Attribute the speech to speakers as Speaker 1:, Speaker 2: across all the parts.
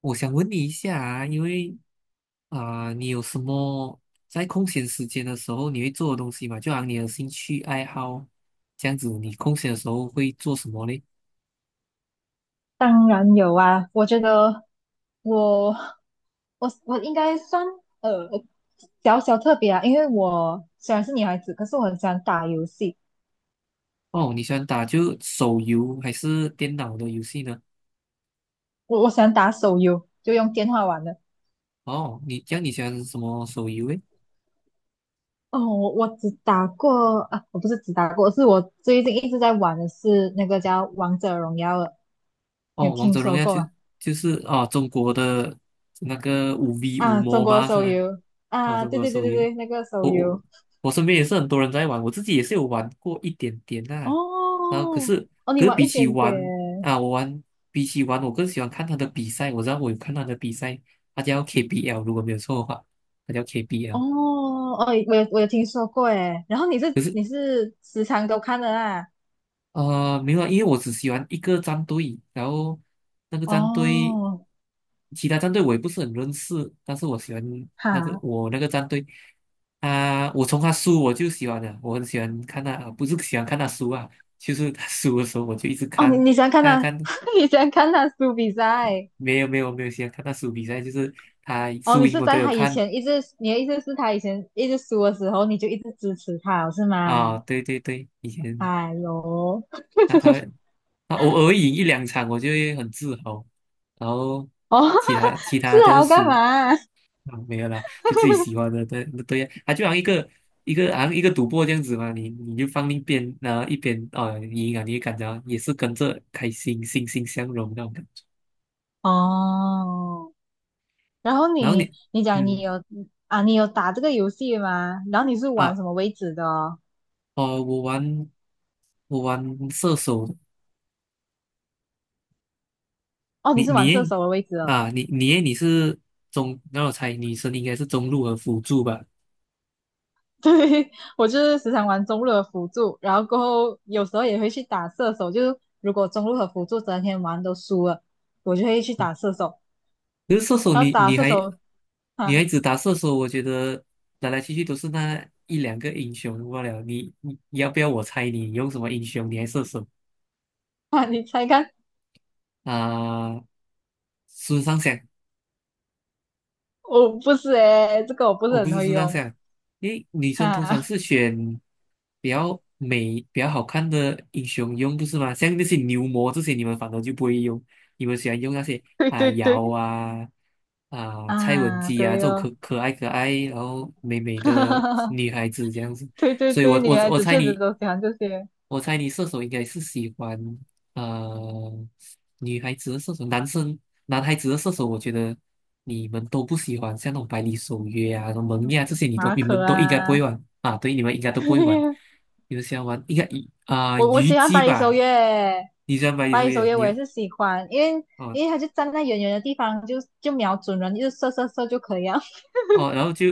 Speaker 1: 我想问你一下啊，因为你有什么在空闲时间的时候你会做的东西嘛？就好像你的兴趣爱好这样子，你空闲的时候会做什么嘞？
Speaker 2: 当然有啊，我觉得我我应该算呃小小特别啊，因为我虽然是女孩子，可是我很喜欢打游戏，
Speaker 1: 哦，你喜欢打就手游还是电脑的游戏呢？
Speaker 2: 我喜欢打手游，就用电话玩的。
Speaker 1: 哦，你这样你喜欢什么手游诶？
Speaker 2: 哦，我只打过啊，我不是只打过，是我最近一直在玩的是那个叫《王者荣耀》的，你有
Speaker 1: 哦，王
Speaker 2: 听
Speaker 1: 者荣
Speaker 2: 说
Speaker 1: 耀
Speaker 2: 过
Speaker 1: 就
Speaker 2: 吗？
Speaker 1: 就是啊，中国的那个五 V 五
Speaker 2: 啊，中
Speaker 1: m
Speaker 2: 国的
Speaker 1: 吧是
Speaker 2: 手
Speaker 1: 吧？
Speaker 2: 游
Speaker 1: 哦，
Speaker 2: 啊，
Speaker 1: 中
Speaker 2: 对
Speaker 1: 国
Speaker 2: 对对
Speaker 1: 手
Speaker 2: 对
Speaker 1: 游。
Speaker 2: 对，那个手
Speaker 1: 我我
Speaker 2: 游
Speaker 1: 我身边也是很多人在玩，我自己也是有玩过一点点啦、然后可
Speaker 2: 哦
Speaker 1: 是
Speaker 2: 哦，你
Speaker 1: 可是
Speaker 2: 玩
Speaker 1: 比
Speaker 2: 一
Speaker 1: 起
Speaker 2: 点
Speaker 1: 玩
Speaker 2: 点
Speaker 1: 啊，我玩比起玩，我更喜欢看他的比赛。我知道我有看他的比赛，他叫 KBL,如果没有错的话，他叫
Speaker 2: 哦
Speaker 1: KBL。
Speaker 2: 哦，我有听说过诶，然后你是
Speaker 1: 可是
Speaker 2: 你是时常都看的啦，
Speaker 1: 没有啊，因为我只喜欢一个战队，然后那个战队
Speaker 2: 哦，
Speaker 1: 其他战队我也不是很认识，但是我喜欢
Speaker 2: 哈，
Speaker 1: 我那个战队啊，我从他输我就喜欢的，我很喜欢看他，啊，不是喜欢看他输啊，就是他输的时候我就一直
Speaker 2: 哦你
Speaker 1: 看，
Speaker 2: 你喜欢看
Speaker 1: 看
Speaker 2: 他，
Speaker 1: 看
Speaker 2: 你喜欢看他输比赛，
Speaker 1: 没有没有没有喜欢看他输比赛，就是他
Speaker 2: 哦
Speaker 1: 输
Speaker 2: 你
Speaker 1: 赢
Speaker 2: 是
Speaker 1: 我都
Speaker 2: 在
Speaker 1: 有
Speaker 2: 他以
Speaker 1: 看
Speaker 2: 前一直，你的意思是他以前一直输的时候，你就一直支持他是
Speaker 1: 啊，
Speaker 2: 吗？
Speaker 1: 对对对，以前
Speaker 2: 哎呦，
Speaker 1: 他他他偶尔赢一两场我就会很自豪，然后
Speaker 2: 哦，
Speaker 1: 其他其
Speaker 2: 是
Speaker 1: 他
Speaker 2: 还
Speaker 1: 都
Speaker 2: 要
Speaker 1: 是
Speaker 2: 干
Speaker 1: 输。
Speaker 2: 嘛？
Speaker 1: 啊，没有啦，就自己喜欢的，对对呀，啊，就好像一个赌博这样子嘛，你就放一边，然后一边哦赢啊，你就感觉也是跟着开心，欣欣向荣那种感觉。
Speaker 2: 哦，然后
Speaker 1: 然后
Speaker 2: 你
Speaker 1: 你，
Speaker 2: 你讲你
Speaker 1: 嗯
Speaker 2: 有啊，你有打这个游戏吗？然后你是玩什
Speaker 1: 啊，
Speaker 2: 么为止的哦
Speaker 1: 哦，我玩射手的。
Speaker 2: 哦，你
Speaker 1: 你
Speaker 2: 是玩
Speaker 1: 你
Speaker 2: 射
Speaker 1: 诶
Speaker 2: 手的位置哦。
Speaker 1: 啊，你你诶你是中，那我猜，你是应该是中路和辅助吧？嗯
Speaker 2: 对，我就是时常玩中路的辅助，然后过后有时候也会去打射手。就是如果中路和辅助整天玩都输了，我就会去打射手。
Speaker 1: 可是射手
Speaker 2: 然后
Speaker 1: 你，
Speaker 2: 打
Speaker 1: 你
Speaker 2: 射
Speaker 1: 还
Speaker 2: 手，
Speaker 1: 女孩
Speaker 2: 啊
Speaker 1: 子打射手，我觉得来来去去都是那一两个英雄罢了。你要不要我猜你用什么英雄？你还射手
Speaker 2: 啊，你猜看？
Speaker 1: 啊？孙尚香。
Speaker 2: 我不是诶，这个我不
Speaker 1: 我
Speaker 2: 是
Speaker 1: 不
Speaker 2: 很
Speaker 1: 是
Speaker 2: 会
Speaker 1: 这样
Speaker 2: 用。
Speaker 1: 想，因为女生通常
Speaker 2: 啊，
Speaker 1: 是选比较美、比较好看的英雄用，不是吗？像那些牛魔这些，你们反而就不会用，你们喜欢用那些
Speaker 2: 对
Speaker 1: 啊
Speaker 2: 对对，
Speaker 1: 瑶啊、啊蔡文
Speaker 2: 啊，
Speaker 1: 姬啊，
Speaker 2: 对
Speaker 1: 这种可
Speaker 2: 哦，
Speaker 1: 可爱可爱，然后美美的 女孩子这样子。
Speaker 2: 对对
Speaker 1: 所以
Speaker 2: 对，女孩子确实都喜欢这些
Speaker 1: 我猜你射手应该是喜欢呃女孩子的射手，男孩子的射手，我觉得你们都不喜欢，像那种百里守约啊、什么蒙面啊这些，你都
Speaker 2: 马
Speaker 1: 你们
Speaker 2: 可
Speaker 1: 都应该不
Speaker 2: 啊，
Speaker 1: 会玩啊。对，你们应该都
Speaker 2: 对
Speaker 1: 不会玩，
Speaker 2: 呀
Speaker 1: 你们喜欢玩应该以啊、
Speaker 2: 我
Speaker 1: 虞
Speaker 2: 喜欢
Speaker 1: 姬
Speaker 2: 百里守
Speaker 1: 吧？
Speaker 2: 约，
Speaker 1: 你喜欢百里
Speaker 2: 百
Speaker 1: 守
Speaker 2: 里守
Speaker 1: 约，
Speaker 2: 约我也是喜欢，
Speaker 1: 哦
Speaker 2: 因为他就站在远远的地方，就瞄准人，就射射射就可以了。
Speaker 1: 哦，然后就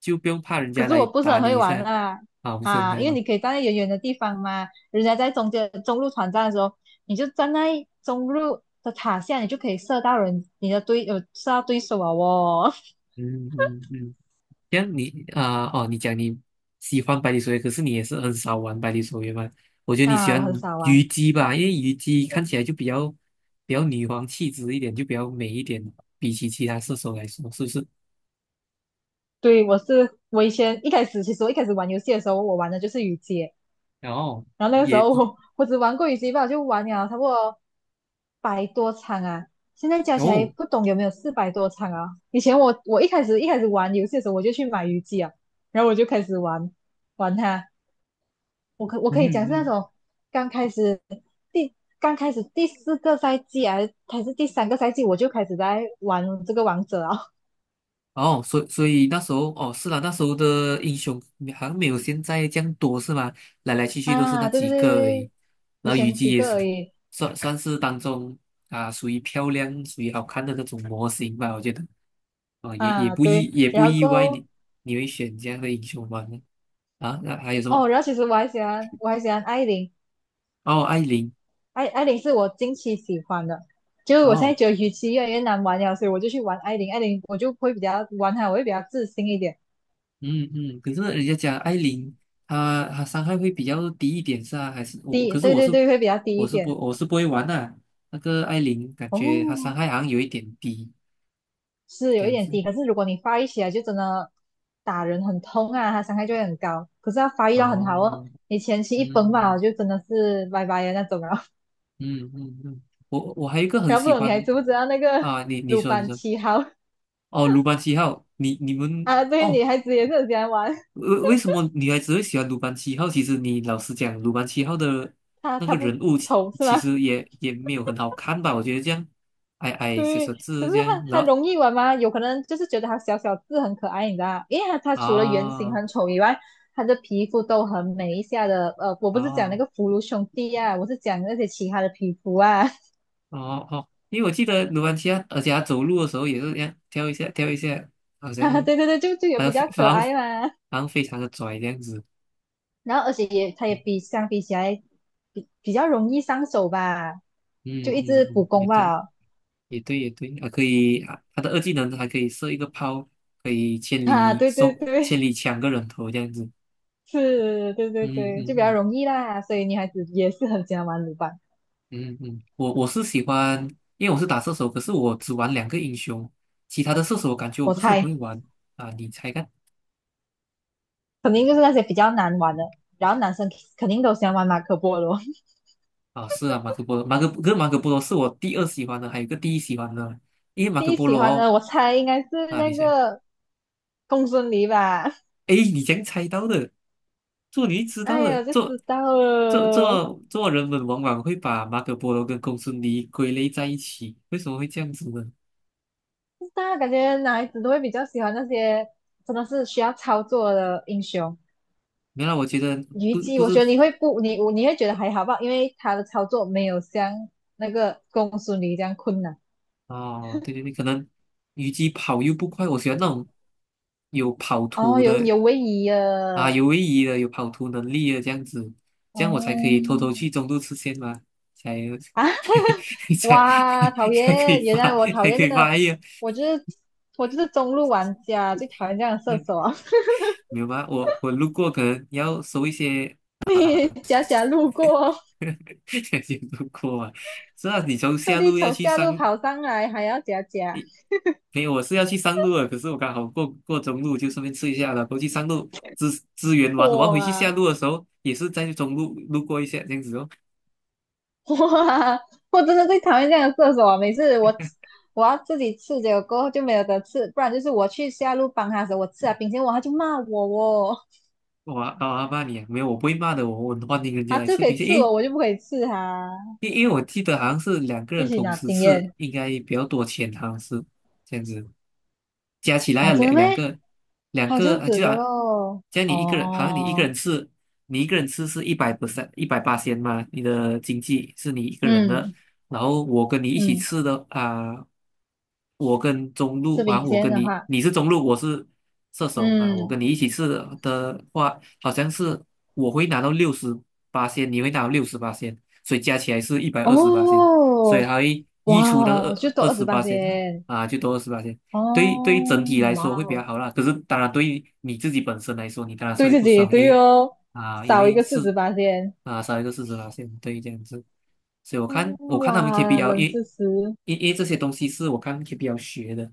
Speaker 1: 就不用怕人
Speaker 2: 可
Speaker 1: 家
Speaker 2: 是
Speaker 1: 来
Speaker 2: 我不是
Speaker 1: 打
Speaker 2: 很
Speaker 1: 你
Speaker 2: 会
Speaker 1: 一
Speaker 2: 玩
Speaker 1: 下。
Speaker 2: 啦，
Speaker 1: 啊，不是很
Speaker 2: 啊，
Speaker 1: 在
Speaker 2: 因为
Speaker 1: 玩。
Speaker 2: 你可以站在远远的地方嘛，人家在中间中路团战的时候，你就站在中路的塔下，你就可以射到人，你的对呃射到对手啊哦。
Speaker 1: 嗯嗯嗯。这样哦，你讲你喜欢百里守约，可是你也是很少玩百里守约嘛？我觉得你喜
Speaker 2: 啊，我
Speaker 1: 欢
Speaker 2: 很少
Speaker 1: 虞
Speaker 2: 玩，
Speaker 1: 姬吧，因为虞姬看起来就比较女皇气质一点，就比较美一点，比起其他射手来说，是不是？
Speaker 2: 对我是我以前一开始其实我一开始玩游戏的时候，我玩的就是雨姐。
Speaker 1: 然后
Speaker 2: 然后那个时
Speaker 1: 也
Speaker 2: 候我只玩过羽西吧，就玩了差不多百多场啊，现在加起来
Speaker 1: 哦，
Speaker 2: 不懂有没有400多场啊。以前我一开始玩游戏的时候，我就去买鱼机啊，然后我就开始玩它。我
Speaker 1: 嗯
Speaker 2: 可以讲是那
Speaker 1: 嗯。
Speaker 2: 种刚开始第刚开始第四个赛季啊，还是第三个赛季，我就开始在玩这个王者啊
Speaker 1: 哦，所以那时候哦，是啦，那时候的英雄好像没有现在这样多，是吗？来来去 去都是那
Speaker 2: 啊，对对
Speaker 1: 几
Speaker 2: 对
Speaker 1: 个而
Speaker 2: 对，
Speaker 1: 已。
Speaker 2: 对
Speaker 1: 然
Speaker 2: 以
Speaker 1: 后虞
Speaker 2: 前
Speaker 1: 姬
Speaker 2: 几
Speaker 1: 也
Speaker 2: 个
Speaker 1: 是
Speaker 2: 而已
Speaker 1: 算是当中啊，属于漂亮、属于好看的那种模型吧，我觉得啊，
Speaker 2: 啊，对，
Speaker 1: 也不
Speaker 2: 然后
Speaker 1: 意
Speaker 2: 过
Speaker 1: 外，
Speaker 2: 后
Speaker 1: 你，你会选这样的英雄吧？啊，那还有什
Speaker 2: 哦，
Speaker 1: 么？
Speaker 2: 然后其实我还喜欢艾琳。
Speaker 1: 哦，艾琳。
Speaker 2: 艾琳是我近期喜欢的，就是我现在
Speaker 1: 哦，
Speaker 2: 觉得鱼鳍越来越难玩了，所以我就去玩艾琳，艾琳我就会比较玩它，我会比较自信一点，
Speaker 1: 嗯嗯，可是人家讲艾琳，她伤害会比较低一点，是啊，还是我？
Speaker 2: 低，
Speaker 1: 可是
Speaker 2: 对
Speaker 1: 我
Speaker 2: 对
Speaker 1: 是
Speaker 2: 对，会比较低一点。
Speaker 1: 我是不会玩的啊，那个艾琳感觉她伤
Speaker 2: 哦，
Speaker 1: 害好像有一点低
Speaker 2: 是
Speaker 1: 这
Speaker 2: 有一
Speaker 1: 样
Speaker 2: 点
Speaker 1: 子。
Speaker 2: 低，可是如果你发育起来，就真的打人很痛啊，它伤害就会很高。可是它发育到很好哦，
Speaker 1: 哦，
Speaker 2: 你前期
Speaker 1: 嗯
Speaker 2: 一崩吧，
Speaker 1: 嗯
Speaker 2: 就真的是拜拜的那种了。
Speaker 1: 嗯嗯嗯，我还有一个很
Speaker 2: 然后不
Speaker 1: 喜
Speaker 2: 懂你还
Speaker 1: 欢。
Speaker 2: 知不知道那个
Speaker 1: 啊，你你
Speaker 2: 鲁
Speaker 1: 说你
Speaker 2: 班
Speaker 1: 说
Speaker 2: 七号
Speaker 1: 哦，鲁班七号，你们。
Speaker 2: 啊？对，
Speaker 1: 哦，
Speaker 2: 女孩子也是很喜欢玩，
Speaker 1: 为什么女孩子会喜欢鲁班七号？其实你老实讲，鲁班七号的
Speaker 2: 她
Speaker 1: 那
Speaker 2: 她
Speaker 1: 个
Speaker 2: 不
Speaker 1: 人物其
Speaker 2: 丑是
Speaker 1: 其
Speaker 2: 吗？
Speaker 1: 实也没有很好看吧？我觉得这样矮 矮小
Speaker 2: 对，
Speaker 1: 小
Speaker 2: 可
Speaker 1: 只
Speaker 2: 是
Speaker 1: 这
Speaker 2: 它
Speaker 1: 样，
Speaker 2: 它
Speaker 1: 然后
Speaker 2: 容易玩吗？有可能就是觉得它小小字很可爱，你知道吗因为它除了原型
Speaker 1: 啊
Speaker 2: 很丑以外，它的皮肤都很美一下的。我不是讲那
Speaker 1: 啊
Speaker 2: 个福禄兄弟啊，我是讲那些其他的皮肤啊。
Speaker 1: 哦哦，因为我记得鲁班七号，而且他走路的时候也是这样跳一下跳一下，好
Speaker 2: 啊，
Speaker 1: 像
Speaker 2: 对对对，就有
Speaker 1: 好
Speaker 2: 比
Speaker 1: 像非
Speaker 2: 较
Speaker 1: 好
Speaker 2: 可
Speaker 1: 像
Speaker 2: 爱嘛。
Speaker 1: 好像非常的拽这样子。
Speaker 2: 然后而且也它也
Speaker 1: 嗯
Speaker 2: 相比起来比较容易上手吧，就
Speaker 1: 嗯
Speaker 2: 一
Speaker 1: 嗯，
Speaker 2: 直补
Speaker 1: 嗯也
Speaker 2: 攻
Speaker 1: 对。
Speaker 2: 吧。
Speaker 1: 也对，也对，啊，可以啊，他的二技能还可以射一个炮，可以 千
Speaker 2: 啊，
Speaker 1: 里
Speaker 2: 对对
Speaker 1: 送、千
Speaker 2: 对，
Speaker 1: 里抢个人头这样子。
Speaker 2: 是，对对
Speaker 1: 嗯
Speaker 2: 对，就比较
Speaker 1: 嗯
Speaker 2: 容易啦。所以女孩子也是很喜欢玩鲁班，
Speaker 1: 嗯嗯嗯，我我是喜欢，因为我是打射手，可是我只玩两个英雄，其他的射手我感觉我
Speaker 2: 我
Speaker 1: 不是很会
Speaker 2: 猜。
Speaker 1: 玩啊。你猜看。
Speaker 2: 肯定就是那些比较难玩的。然后男生肯定都喜欢玩马可波罗，
Speaker 1: 啊？是啊，马可波罗，马可跟马可波罗是我第二喜欢的，还有一个第一喜欢的，因为 马
Speaker 2: 第
Speaker 1: 可
Speaker 2: 一
Speaker 1: 波
Speaker 2: 喜
Speaker 1: 罗
Speaker 2: 欢
Speaker 1: 哦。
Speaker 2: 的我猜应该是
Speaker 1: 啊，你
Speaker 2: 那
Speaker 1: 猜。
Speaker 2: 个公孙离吧。
Speaker 1: 哎，你怎样猜到的？做你知道
Speaker 2: 哎
Speaker 1: 的，
Speaker 2: 呀，就
Speaker 1: 做
Speaker 2: 知道
Speaker 1: 做
Speaker 2: 了，
Speaker 1: 做做人们往往会把马可波罗跟公孙离归类在一起，为什么会这样子呢？
Speaker 2: 大家感觉男孩子都会比较喜欢那些真的是需要操作的英雄。
Speaker 1: 原来我觉得
Speaker 2: 虞姬，
Speaker 1: 不
Speaker 2: 我
Speaker 1: 是。
Speaker 2: 觉得你会不，你会觉得还好吧，因为他的操作没有像那个公孙离这样困难。
Speaker 1: 哦，对对对，可能虞姬跑又不快，我喜欢那种有跑
Speaker 2: 哦，
Speaker 1: 图
Speaker 2: 有
Speaker 1: 的
Speaker 2: 有位移
Speaker 1: 啊，
Speaker 2: 了，
Speaker 1: 有位移的，有跑图能力的这样子，这样我才可以偷偷去
Speaker 2: 嗯
Speaker 1: 中路吃线嘛，才
Speaker 2: 啊，
Speaker 1: 才才
Speaker 2: 哇，讨
Speaker 1: 才可
Speaker 2: 厌！
Speaker 1: 以
Speaker 2: 原
Speaker 1: 发，
Speaker 2: 来我讨
Speaker 1: 才
Speaker 2: 厌
Speaker 1: 可以
Speaker 2: 的，
Speaker 1: 发 育。
Speaker 2: 我就是我就是中路玩家，最讨厌这样的射手啊！
Speaker 1: 没有吧？我路过，可能要收一些。
Speaker 2: 你假假路过，
Speaker 1: 有路过啊。是啊，你从
Speaker 2: 特
Speaker 1: 下
Speaker 2: 地
Speaker 1: 路要
Speaker 2: 从
Speaker 1: 去
Speaker 2: 下
Speaker 1: 上，
Speaker 2: 路跑上来，还要假假，
Speaker 1: 没有，我是要去上路的，可是我刚好过中路，就顺便吃一下了。过去上路支援完，我要回去下
Speaker 2: 哇
Speaker 1: 路的时候，也是在中路路过一下这样子哦。
Speaker 2: 哇！我真的最讨厌这样的射手啊！每次我要自己刺，结果过后就没有得吃，不然就是我去下路帮他的时候，我吃了冰淇淋，哇，他就骂我哦，
Speaker 1: 我啊骂你啊，没有，我不会骂的，我很欢迎人家
Speaker 2: 他
Speaker 1: 来
Speaker 2: 就
Speaker 1: 吃
Speaker 2: 可以
Speaker 1: 螃蟹。
Speaker 2: 刺
Speaker 1: 诶，
Speaker 2: 我，我就不可以刺他，
Speaker 1: 因为我记得好像是两个
Speaker 2: 一
Speaker 1: 人
Speaker 2: 起
Speaker 1: 同
Speaker 2: 拿
Speaker 1: 时
Speaker 2: 经
Speaker 1: 吃，
Speaker 2: 验
Speaker 1: 应该比较多钱，好像是这样子。加起来
Speaker 2: 哦，
Speaker 1: 要
Speaker 2: 真的
Speaker 1: 两两
Speaker 2: 咩？
Speaker 1: 个两
Speaker 2: 好
Speaker 1: 个
Speaker 2: 像
Speaker 1: 啊，
Speaker 2: 子
Speaker 1: 就
Speaker 2: 的
Speaker 1: 啊，
Speaker 2: 咯，
Speaker 1: 加你一个人，好像你一个
Speaker 2: 哦。
Speaker 1: 人吃，你一个人吃是100% 一百八千嘛，你的经济是你一个人的，
Speaker 2: 嗯
Speaker 1: 然后我跟你一起
Speaker 2: 嗯，
Speaker 1: 吃的啊、我跟中路
Speaker 2: 吃
Speaker 1: 啊，
Speaker 2: 冰
Speaker 1: 我
Speaker 2: 鲜
Speaker 1: 跟
Speaker 2: 的
Speaker 1: 你，
Speaker 2: 话，
Speaker 1: 你是中路，我是射手啊，我
Speaker 2: 嗯，
Speaker 1: 跟你一起试的话，好像是我会拿到六十八仙，你会拿到六十八仙，所以加起来是128仙，所以
Speaker 2: 哦，
Speaker 1: 还会溢
Speaker 2: 哇
Speaker 1: 出那个
Speaker 2: 哦，就多
Speaker 1: 二
Speaker 2: 二
Speaker 1: 十
Speaker 2: 十八
Speaker 1: 八线
Speaker 2: 仙，
Speaker 1: 啊，啊，就多二十八仙。对于对
Speaker 2: 哦，
Speaker 1: 于整体来
Speaker 2: 哇
Speaker 1: 说会比较
Speaker 2: 哦，
Speaker 1: 好啦，可是当然对于你自己本身来说，你当然是
Speaker 2: 对
Speaker 1: 会
Speaker 2: 自
Speaker 1: 不
Speaker 2: 己
Speaker 1: 爽，因
Speaker 2: 对
Speaker 1: 为
Speaker 2: 哦，
Speaker 1: 啊，因
Speaker 2: 少一
Speaker 1: 为
Speaker 2: 个四
Speaker 1: 是
Speaker 2: 十八仙，
Speaker 1: 啊，少一个市值拉线，对，这样子。所以我
Speaker 2: 哦，
Speaker 1: 看我看他们
Speaker 2: 哇，
Speaker 1: KPL,
Speaker 2: 冷
Speaker 1: 因
Speaker 2: 知识，
Speaker 1: 因因为这些东西是我看 KPL 学的，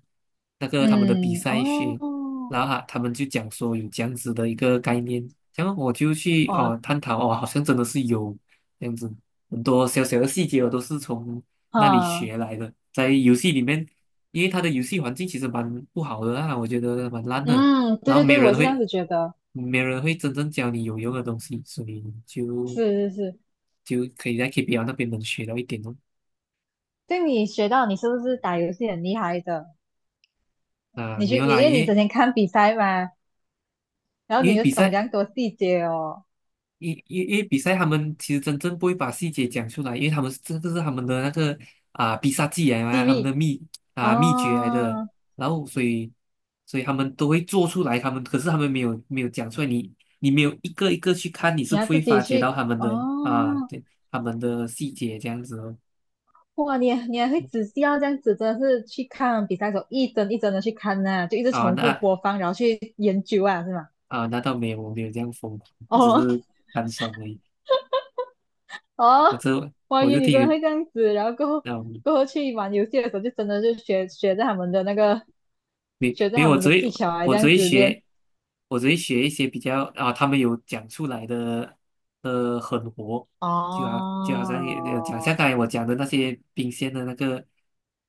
Speaker 1: 那个他们的比
Speaker 2: 嗯，
Speaker 1: 赛学，
Speaker 2: 哦，
Speaker 1: 然后他们就讲说有这样子的一个概念，然后我就去
Speaker 2: 哦，
Speaker 1: 哦探讨哦，好像真的是有这样子，很多小小的细节我都是从那里
Speaker 2: 哈，
Speaker 1: 学来的，在游戏里面，因为它的游戏环境其实蛮不好的啊，我觉得蛮烂的，
Speaker 2: 嗯，对
Speaker 1: 然后
Speaker 2: 对
Speaker 1: 没
Speaker 2: 对，
Speaker 1: 有
Speaker 2: 我也
Speaker 1: 人
Speaker 2: 是这样
Speaker 1: 会，
Speaker 2: 子觉得，
Speaker 1: 没人会真正教你有用的东西，所以就
Speaker 2: 是是是，
Speaker 1: 就可以在 KPL 那边能学到一点哦。
Speaker 2: 对你学到你是不是打游戏很厉害的？
Speaker 1: 啊，
Speaker 2: 你
Speaker 1: 没
Speaker 2: 去，
Speaker 1: 有
Speaker 2: 你
Speaker 1: 啦，
Speaker 2: 因
Speaker 1: 因
Speaker 2: 为你
Speaker 1: 为
Speaker 2: 整天看比赛嘛，然后
Speaker 1: 因
Speaker 2: 你
Speaker 1: 为
Speaker 2: 又
Speaker 1: 比
Speaker 2: 懂这
Speaker 1: 赛，
Speaker 2: 样多细节哦，
Speaker 1: 因因因为比赛他们其实真正不会把细节讲出来，因为他们是这是他们的那个啊必杀技
Speaker 2: 机
Speaker 1: 啊，他们的
Speaker 2: 密。
Speaker 1: 秘诀来的，
Speaker 2: 哦，
Speaker 1: 然后所以他们都会做出来，他们可是他们没有讲出来，你没有一个一个去看，你是
Speaker 2: 你要
Speaker 1: 不
Speaker 2: 自
Speaker 1: 会
Speaker 2: 己
Speaker 1: 发觉到
Speaker 2: 去
Speaker 1: 他们
Speaker 2: 哦，
Speaker 1: 的啊对他们的细节这样子哦。
Speaker 2: 哇，你还会仔细要这样子，真的是去看比赛的时候一帧一帧的去看呐、就一直
Speaker 1: 啊，
Speaker 2: 重复
Speaker 1: 那
Speaker 2: 播放，然后去研究啊，是吗？
Speaker 1: 啊，那倒没有，我没有这样疯狂，我只
Speaker 2: 哦
Speaker 1: 是 单爽而已。我
Speaker 2: 哦，
Speaker 1: 这
Speaker 2: 我以
Speaker 1: 我
Speaker 2: 为
Speaker 1: 就
Speaker 2: 你
Speaker 1: 听
Speaker 2: 真的
Speaker 1: 人，
Speaker 2: 会这样子，然后
Speaker 1: 嗯，
Speaker 2: 过后去玩游戏的时候，就真的就学着他们的那个，
Speaker 1: 没
Speaker 2: 学着
Speaker 1: 没有，
Speaker 2: 他
Speaker 1: 我
Speaker 2: 们
Speaker 1: 只
Speaker 2: 的技
Speaker 1: 会
Speaker 2: 巧啊，
Speaker 1: 我
Speaker 2: 这
Speaker 1: 只
Speaker 2: 样
Speaker 1: 会
Speaker 2: 子练。
Speaker 1: 学，学一些比较啊，他们有讲出来的狠活，就好像也讲像
Speaker 2: 哦，
Speaker 1: 刚才我讲的那些冰鲜的那个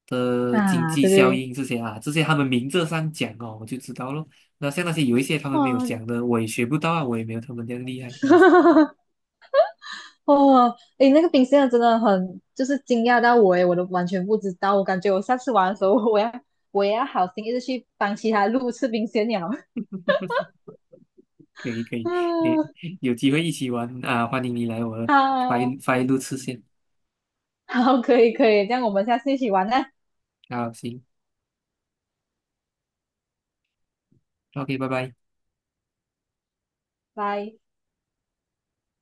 Speaker 1: 的经
Speaker 2: 啊，
Speaker 1: 济
Speaker 2: 对
Speaker 1: 效
Speaker 2: 对，
Speaker 1: 应这些啊，这些他们明着上讲哦，我就知道咯。那像那些有一些他们没有
Speaker 2: 哇，
Speaker 1: 讲的，我也学不到啊，我也没有他们这样厉害。这样子。
Speaker 2: 哦，诶，那个冰箱真的很，就是惊讶到我诶，我都完全不知道。我感觉我下次玩的时候，我也要好心一直去帮其他路吃冰鲜鸟。
Speaker 1: 可以可以，你
Speaker 2: 嗯，
Speaker 1: 有机会一起玩啊，欢迎你来我的
Speaker 2: 好，
Speaker 1: 发一路次线。
Speaker 2: 好，可以可以，这样我们下次一起玩呢，
Speaker 1: 好，行，OK,拜拜。
Speaker 2: 拜。